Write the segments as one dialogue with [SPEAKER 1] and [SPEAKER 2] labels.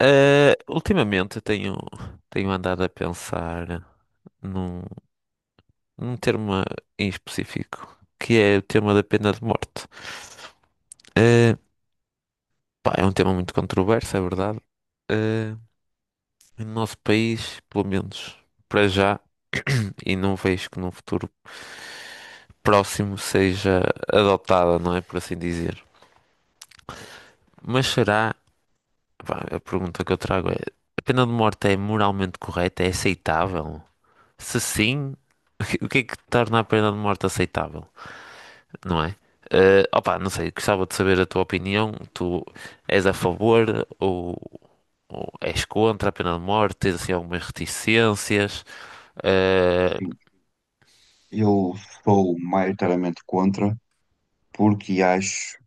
[SPEAKER 1] Ultimamente eu tenho, tenho andado a pensar num, num termo em específico, que é o tema da pena de morte. Ah, Pá, é um tema muito controverso, é verdade. Ah, no nosso país, pelo menos para já, e não vejo que num futuro próximo seja adotada, não é? Por assim dizer. Mas será? Pá, a pergunta que eu trago é: a pena de morte é moralmente correta? É aceitável? Se sim, o que é que torna a pena de morte aceitável? Não é? Opa, não sei, gostava de saber a tua opinião. Tu és a favor ou és contra a pena de morte? Tens assim algumas reticências? Eh,
[SPEAKER 2] Sim, eu sou maioritariamente contra, porque acho.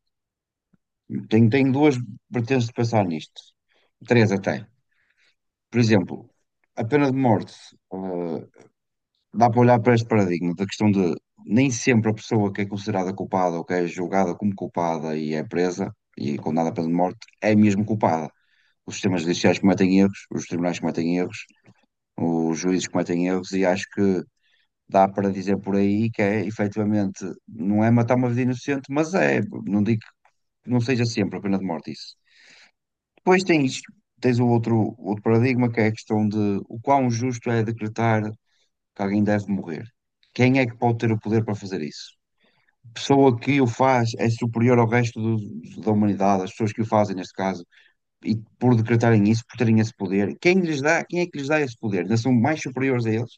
[SPEAKER 2] Tenho duas vertentes de pensar nisto. Três até. Por exemplo, a pena de morte. eh, Dá para olhar para este paradigma da questão de nem sempre a pessoa que é considerada culpada ou que é julgada como culpada e é presa e condenada à pena de morte é mesmo culpada. Os sistemas judiciais cometem erros, os tribunais cometem erros, os juízes cometem erros e acho que dá para dizer por aí que é, efetivamente, não é matar uma vida inocente, mas é, não digo que não seja sempre a pena de morte isso. Depois tens o outro paradigma, que é a questão de o quão justo é decretar que alguém deve morrer. Quem é que pode ter o poder para fazer isso? Pessoa que o faz é superior ao resto da humanidade, as pessoas que o fazem neste caso, e por decretarem isso, por terem esse poder, quem é que lhes dá esse poder? Ainda são mais superiores a eles?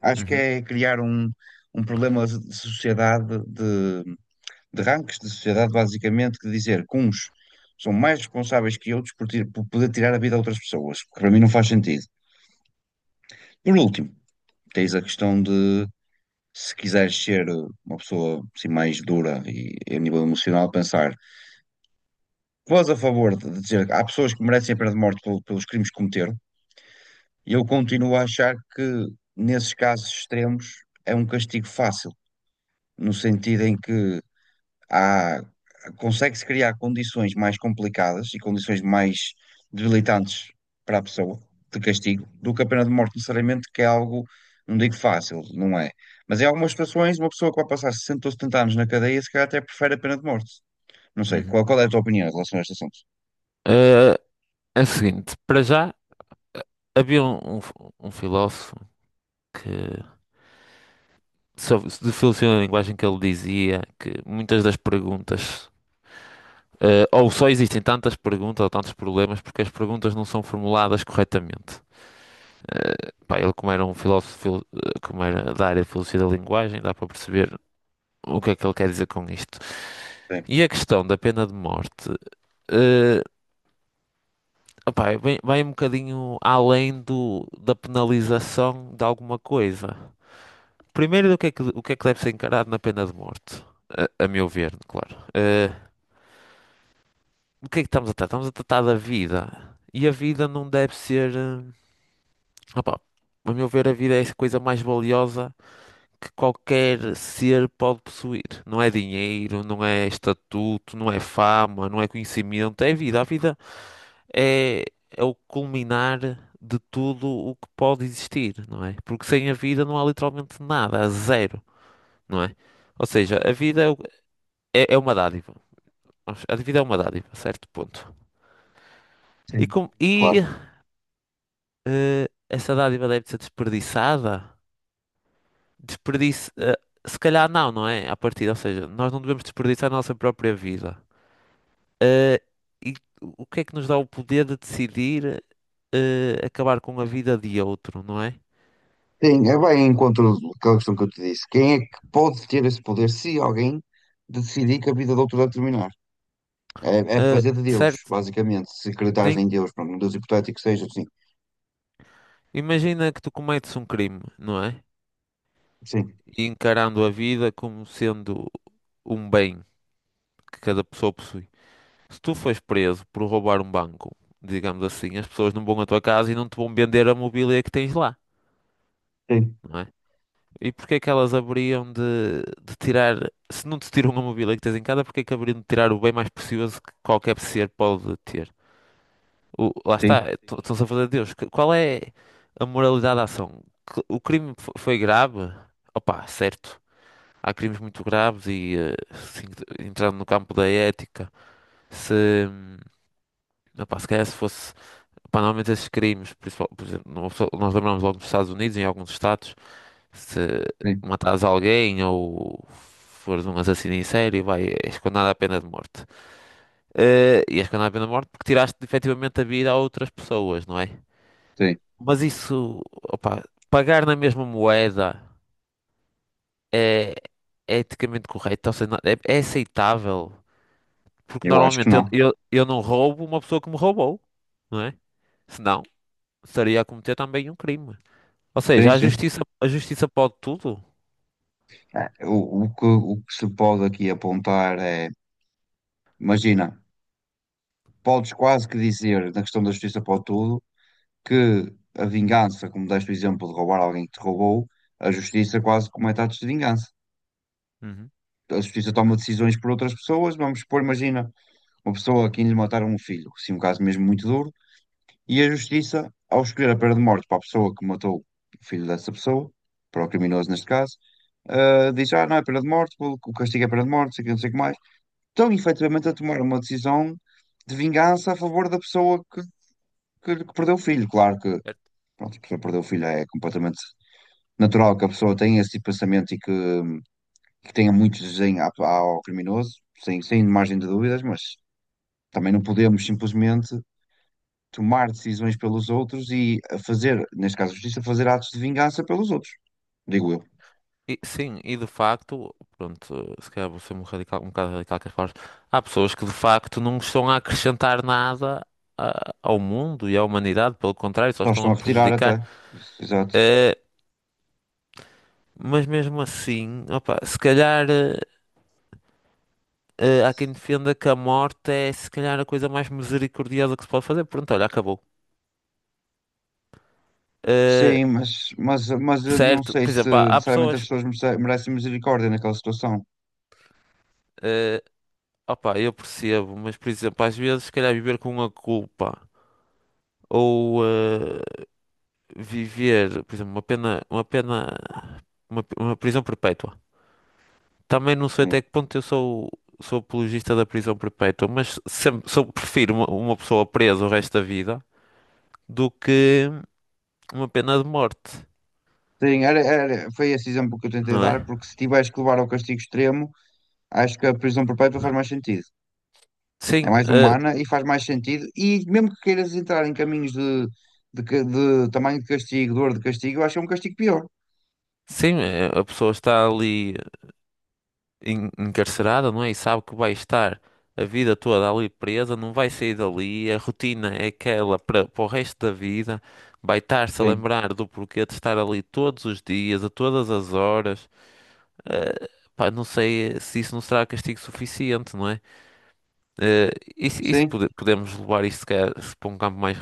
[SPEAKER 2] Acho que
[SPEAKER 1] Uhum,
[SPEAKER 2] é criar um, um problema de sociedade, de rankings de sociedade, basicamente, que dizer que uns são mais responsáveis que outros por, por poder tirar a vida a outras pessoas, que para mim não faz sentido. Por último, tens a questão de, se quiseres ser uma pessoa assim, mais dura e a nível emocional, pensar, vós a favor de dizer que há pessoas que merecem a pena de morte pelos crimes que cometeram, e eu continuo a achar que, nesses casos extremos, é um castigo fácil, no sentido em que há- consegue-se criar condições mais complicadas e condições mais debilitantes para a pessoa de castigo do que a pena de morte, necessariamente, que é algo, não digo fácil, não é? Mas em algumas situações, uma pessoa que vai passar 60 ou 70 anos na cadeia, se calhar até prefere a pena de morte. Não sei,
[SPEAKER 1] uhum.
[SPEAKER 2] qual é a tua opinião em relação a este assunto?
[SPEAKER 1] Eh, É o seguinte, para já havia um filósofo que sobre, de filosofia da linguagem que ele dizia que muitas das perguntas ou só existem tantas perguntas ou tantos problemas porque as perguntas não são formuladas corretamente. Pá, ele, como era um filósofo, como era da área de filosofia da linguagem, dá para perceber o que é que ele quer dizer com isto.
[SPEAKER 2] Sim.
[SPEAKER 1] E a questão da pena de morte, eh, opá, vai um bocadinho além da penalização de alguma coisa. Primeiro, do que é que, o que é que deve ser encarado na pena de morte? A meu ver, claro. Do que é que estamos a tratar? Estamos a tratar da vida. E a vida não deve ser. Opa, a meu ver, a vida é a coisa mais valiosa que qualquer ser pode possuir. Não é dinheiro, não é estatuto, não é fama, não é conhecimento, é vida. A vida é, é o culminar de tudo o que pode existir, não é? Porque sem a vida não há literalmente nada, há zero, não é? Ou seja, a vida é uma dádiva. A vida é uma dádiva, certo ponto. E,
[SPEAKER 2] Sim,
[SPEAKER 1] com, e
[SPEAKER 2] claro.
[SPEAKER 1] essa dádiva deve ser desperdiçada? Desperdício. Se calhar não, não é? À partida, ou seja, nós não devemos desperdiçar a nossa própria vida. Eh, e o que é que nos dá o poder de decidir acabar com a vida de outro, não é?
[SPEAKER 2] Sim, é bem em encontro daquela questão que eu te disse. Quem é que pode ter esse poder se alguém decidir que a vida do outro vai terminar? É, é fazer de Deus,
[SPEAKER 1] Certo,
[SPEAKER 2] basicamente. Se acreditares
[SPEAKER 1] sim.
[SPEAKER 2] em Deus, pronto, um Deus hipotético que seja, sim.
[SPEAKER 1] Imagina que tu cometes um crime, não é?
[SPEAKER 2] Sim,
[SPEAKER 1] E encarando a vida como sendo um bem que cada pessoa possui. Se tu fores preso por roubar um banco, digamos assim, as pessoas não vão à tua casa e não te vão vender a mobília que tens lá,
[SPEAKER 2] sim,
[SPEAKER 1] não é? E porque é que elas haveriam de tirar, se não te tiram a mobília que tens em casa, porque é que haveriam de tirar o bem mais precioso que qualquer ser pode ter? Lá está,
[SPEAKER 2] sim,
[SPEAKER 1] sim. Estão-se a fazer Deus. Qual é a moralidade da ação? O crime foi grave? Opa, certo. Há crimes muito graves e assim, entrando no campo da ética, se, hum, se calhar se fosse, opa, normalmente esses crimes, por exemplo, nós lembramos logo dos Estados Unidos, em alguns estados, se
[SPEAKER 2] sim,
[SPEAKER 1] matares alguém ou fores um assassino em série, és condenado à pena de morte. E és condenado à pena de morte porque tiraste efetivamente a vida a outras pessoas, não é?
[SPEAKER 2] sim.
[SPEAKER 1] Mas isso, opa, pagar na mesma moeda é, é eticamente correto, ou seja, é aceitável. Porque
[SPEAKER 2] Eu acho que
[SPEAKER 1] normalmente eu,
[SPEAKER 2] não.
[SPEAKER 1] eu, eu não roubo uma pessoa que me roubou, não é? Senão estaria a cometer também um crime. Ou
[SPEAKER 2] Sim,
[SPEAKER 1] seja, a
[SPEAKER 2] sim.
[SPEAKER 1] justiça, a justiça pode tudo.
[SPEAKER 2] É, o que se pode aqui apontar é, imagina, podes quase que dizer, na questão da justiça para tudo, que a vingança, como deste o exemplo de roubar alguém que te roubou, a justiça quase comete atos de vingança.
[SPEAKER 1] Uhum.
[SPEAKER 2] A justiça toma decisões por outras pessoas, vamos supor, imagina, uma pessoa a quem lhe mataram um filho, sim, um caso mesmo muito duro. E a justiça, ao escolher a pena de morte para a pessoa que matou o filho dessa pessoa, para o criminoso neste caso, ah, diz: "Ah, não é pena de morte, o castigo é pena de morte, não sei o que, não sei o que mais." Estão efetivamente a tomar uma decisão de vingança a favor da pessoa que, que perdeu o filho. Claro que, pronto, a pessoa que perdeu o filho é completamente natural que a pessoa tenha esse tipo de pensamento e que tenha muito desenho ao criminoso, sem margem de dúvidas, mas também não podemos simplesmente tomar decisões pelos outros e a fazer, neste caso a justiça, fazer atos de vingança pelos outros, digo eu.
[SPEAKER 1] Sim, e de facto, pronto, se calhar vou ser um radical, um bocado radical com as palavras. Há pessoas que de facto não estão a acrescentar nada ao mundo e à humanidade, pelo contrário, só
[SPEAKER 2] Só
[SPEAKER 1] estão
[SPEAKER 2] estão
[SPEAKER 1] a
[SPEAKER 2] a retirar até.
[SPEAKER 1] prejudicar.
[SPEAKER 2] Isso, exato.
[SPEAKER 1] Eh, mas mesmo assim, opa, se calhar há quem defenda que a morte é se calhar a coisa mais misericordiosa que se pode fazer. Pronto, olha, acabou. Eh,
[SPEAKER 2] Sim, mas, mas eu não
[SPEAKER 1] Certo,
[SPEAKER 2] sei
[SPEAKER 1] por
[SPEAKER 2] se
[SPEAKER 1] exemplo, há
[SPEAKER 2] necessariamente as
[SPEAKER 1] pessoas.
[SPEAKER 2] pessoas merecem misericórdia naquela situação.
[SPEAKER 1] eh, Opa, eu percebo, mas por exemplo, às vezes se calhar viver com a culpa ou viver, por exemplo, uma pena, uma prisão perpétua. Também não sei
[SPEAKER 2] Sim,
[SPEAKER 1] até que ponto eu sou apologista da prisão perpétua, mas sempre, sou, prefiro uma pessoa presa o resto da vida do que uma pena de morte,
[SPEAKER 2] sim, foi esse exemplo que eu tentei
[SPEAKER 1] não
[SPEAKER 2] dar,
[SPEAKER 1] é?
[SPEAKER 2] porque se tiveres que levar ao castigo extremo, acho que a prisão perpétua faz mais sentido. É
[SPEAKER 1] Sim,
[SPEAKER 2] mais
[SPEAKER 1] eh,
[SPEAKER 2] humana e faz mais sentido. E mesmo que queiras entrar em caminhos de, de tamanho de castigo, dor de castigo, eu acho que é um castigo pior.
[SPEAKER 1] sim, a pessoa está ali encarcerada, não é? E sabe que vai estar a vida toda ali presa, não vai sair dali, a rotina é aquela para o resto da vida, vai estar-se a
[SPEAKER 2] Sim,
[SPEAKER 1] lembrar do porquê de estar ali todos os dias, a todas as horas. Eh, Pá, não sei se isso não será castigo suficiente, não é? Eh, isso,
[SPEAKER 2] sim,
[SPEAKER 1] podemos levar isso se calhar, se para um campo mais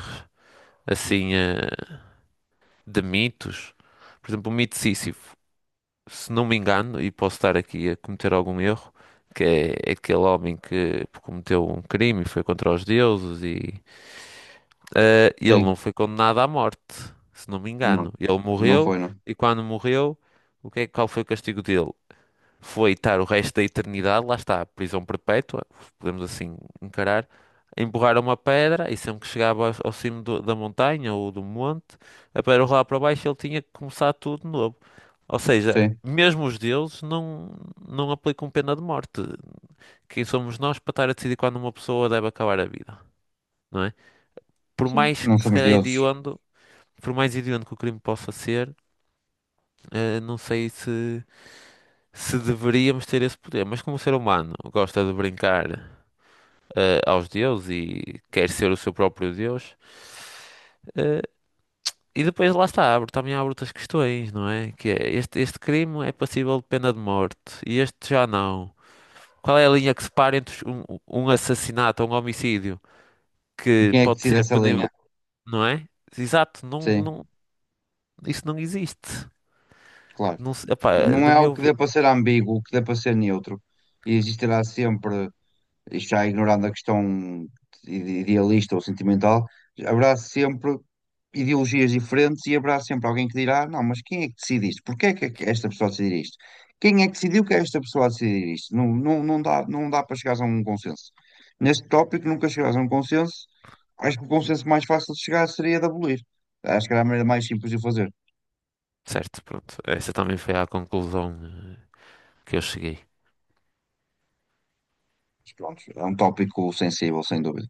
[SPEAKER 1] assim, de mitos. Por exemplo, o mito de Sísifo. Se não me engano, e posso estar aqui a cometer algum erro, que é aquele homem que cometeu um crime e foi contra os deuses e ele
[SPEAKER 2] sim.
[SPEAKER 1] não foi condenado à morte, se não me engano.
[SPEAKER 2] Não,
[SPEAKER 1] Ele
[SPEAKER 2] não
[SPEAKER 1] morreu
[SPEAKER 2] foi, não.
[SPEAKER 1] e quando morreu, qual foi o castigo dele? Foi estar o resto da eternidade, lá está, prisão perpétua, podemos assim encarar, a empurrar uma pedra e sempre que chegava ao cimo da montanha ou do monte, a pedra rolava para baixo, e ele tinha que começar tudo de novo. Ou seja,
[SPEAKER 2] Sim,
[SPEAKER 1] mesmo os deuses não aplicam pena de morte. Quem somos nós para estar a decidir quando uma pessoa deve acabar a vida, não é? Por
[SPEAKER 2] sim,
[SPEAKER 1] mais
[SPEAKER 2] não
[SPEAKER 1] que se
[SPEAKER 2] somos
[SPEAKER 1] calhar
[SPEAKER 2] deuses.
[SPEAKER 1] hediondo, por mais hediondo que o crime possa ser, não sei se, se deveríamos ter esse poder. Mas como o ser humano gosta de brincar, aos deuses e quer ser o seu próprio deus, eh, e depois lá está, também abre outras questões, não é? Que é, este crime é passível de pena de morte e este já não. Qual é a linha que separa entre um assassinato ou um homicídio
[SPEAKER 2] E
[SPEAKER 1] que
[SPEAKER 2] quem é que
[SPEAKER 1] pode
[SPEAKER 2] decide
[SPEAKER 1] ser
[SPEAKER 2] essa linha?
[SPEAKER 1] punível, não é? Exato,
[SPEAKER 2] Sim,
[SPEAKER 1] não, isso não existe.
[SPEAKER 2] claro.
[SPEAKER 1] Epá,
[SPEAKER 2] Não é
[SPEAKER 1] na
[SPEAKER 2] algo
[SPEAKER 1] minha
[SPEAKER 2] que dê
[SPEAKER 1] ver,
[SPEAKER 2] para ser ambíguo, que dê para ser neutro. E existirá sempre. Isto já ignorando a questão idealista ou sentimental, haverá sempre ideologias diferentes e haverá sempre alguém que dirá: "Não, mas quem é que decide isto? Porquê é que esta pessoa decidir isto? Quem é que decidiu que é esta pessoa a decidir isto?" Não, não dá para chegares a um consenso. Neste tópico, nunca chegarás a um consenso. Acho que o consenso mais fácil de chegar seria de abolir. Acho que era a maneira mais simples de o fazer.
[SPEAKER 1] certo, pronto. Essa também foi a conclusão que eu cheguei.
[SPEAKER 2] Mas pronto, é um tópico sensível, sem dúvida.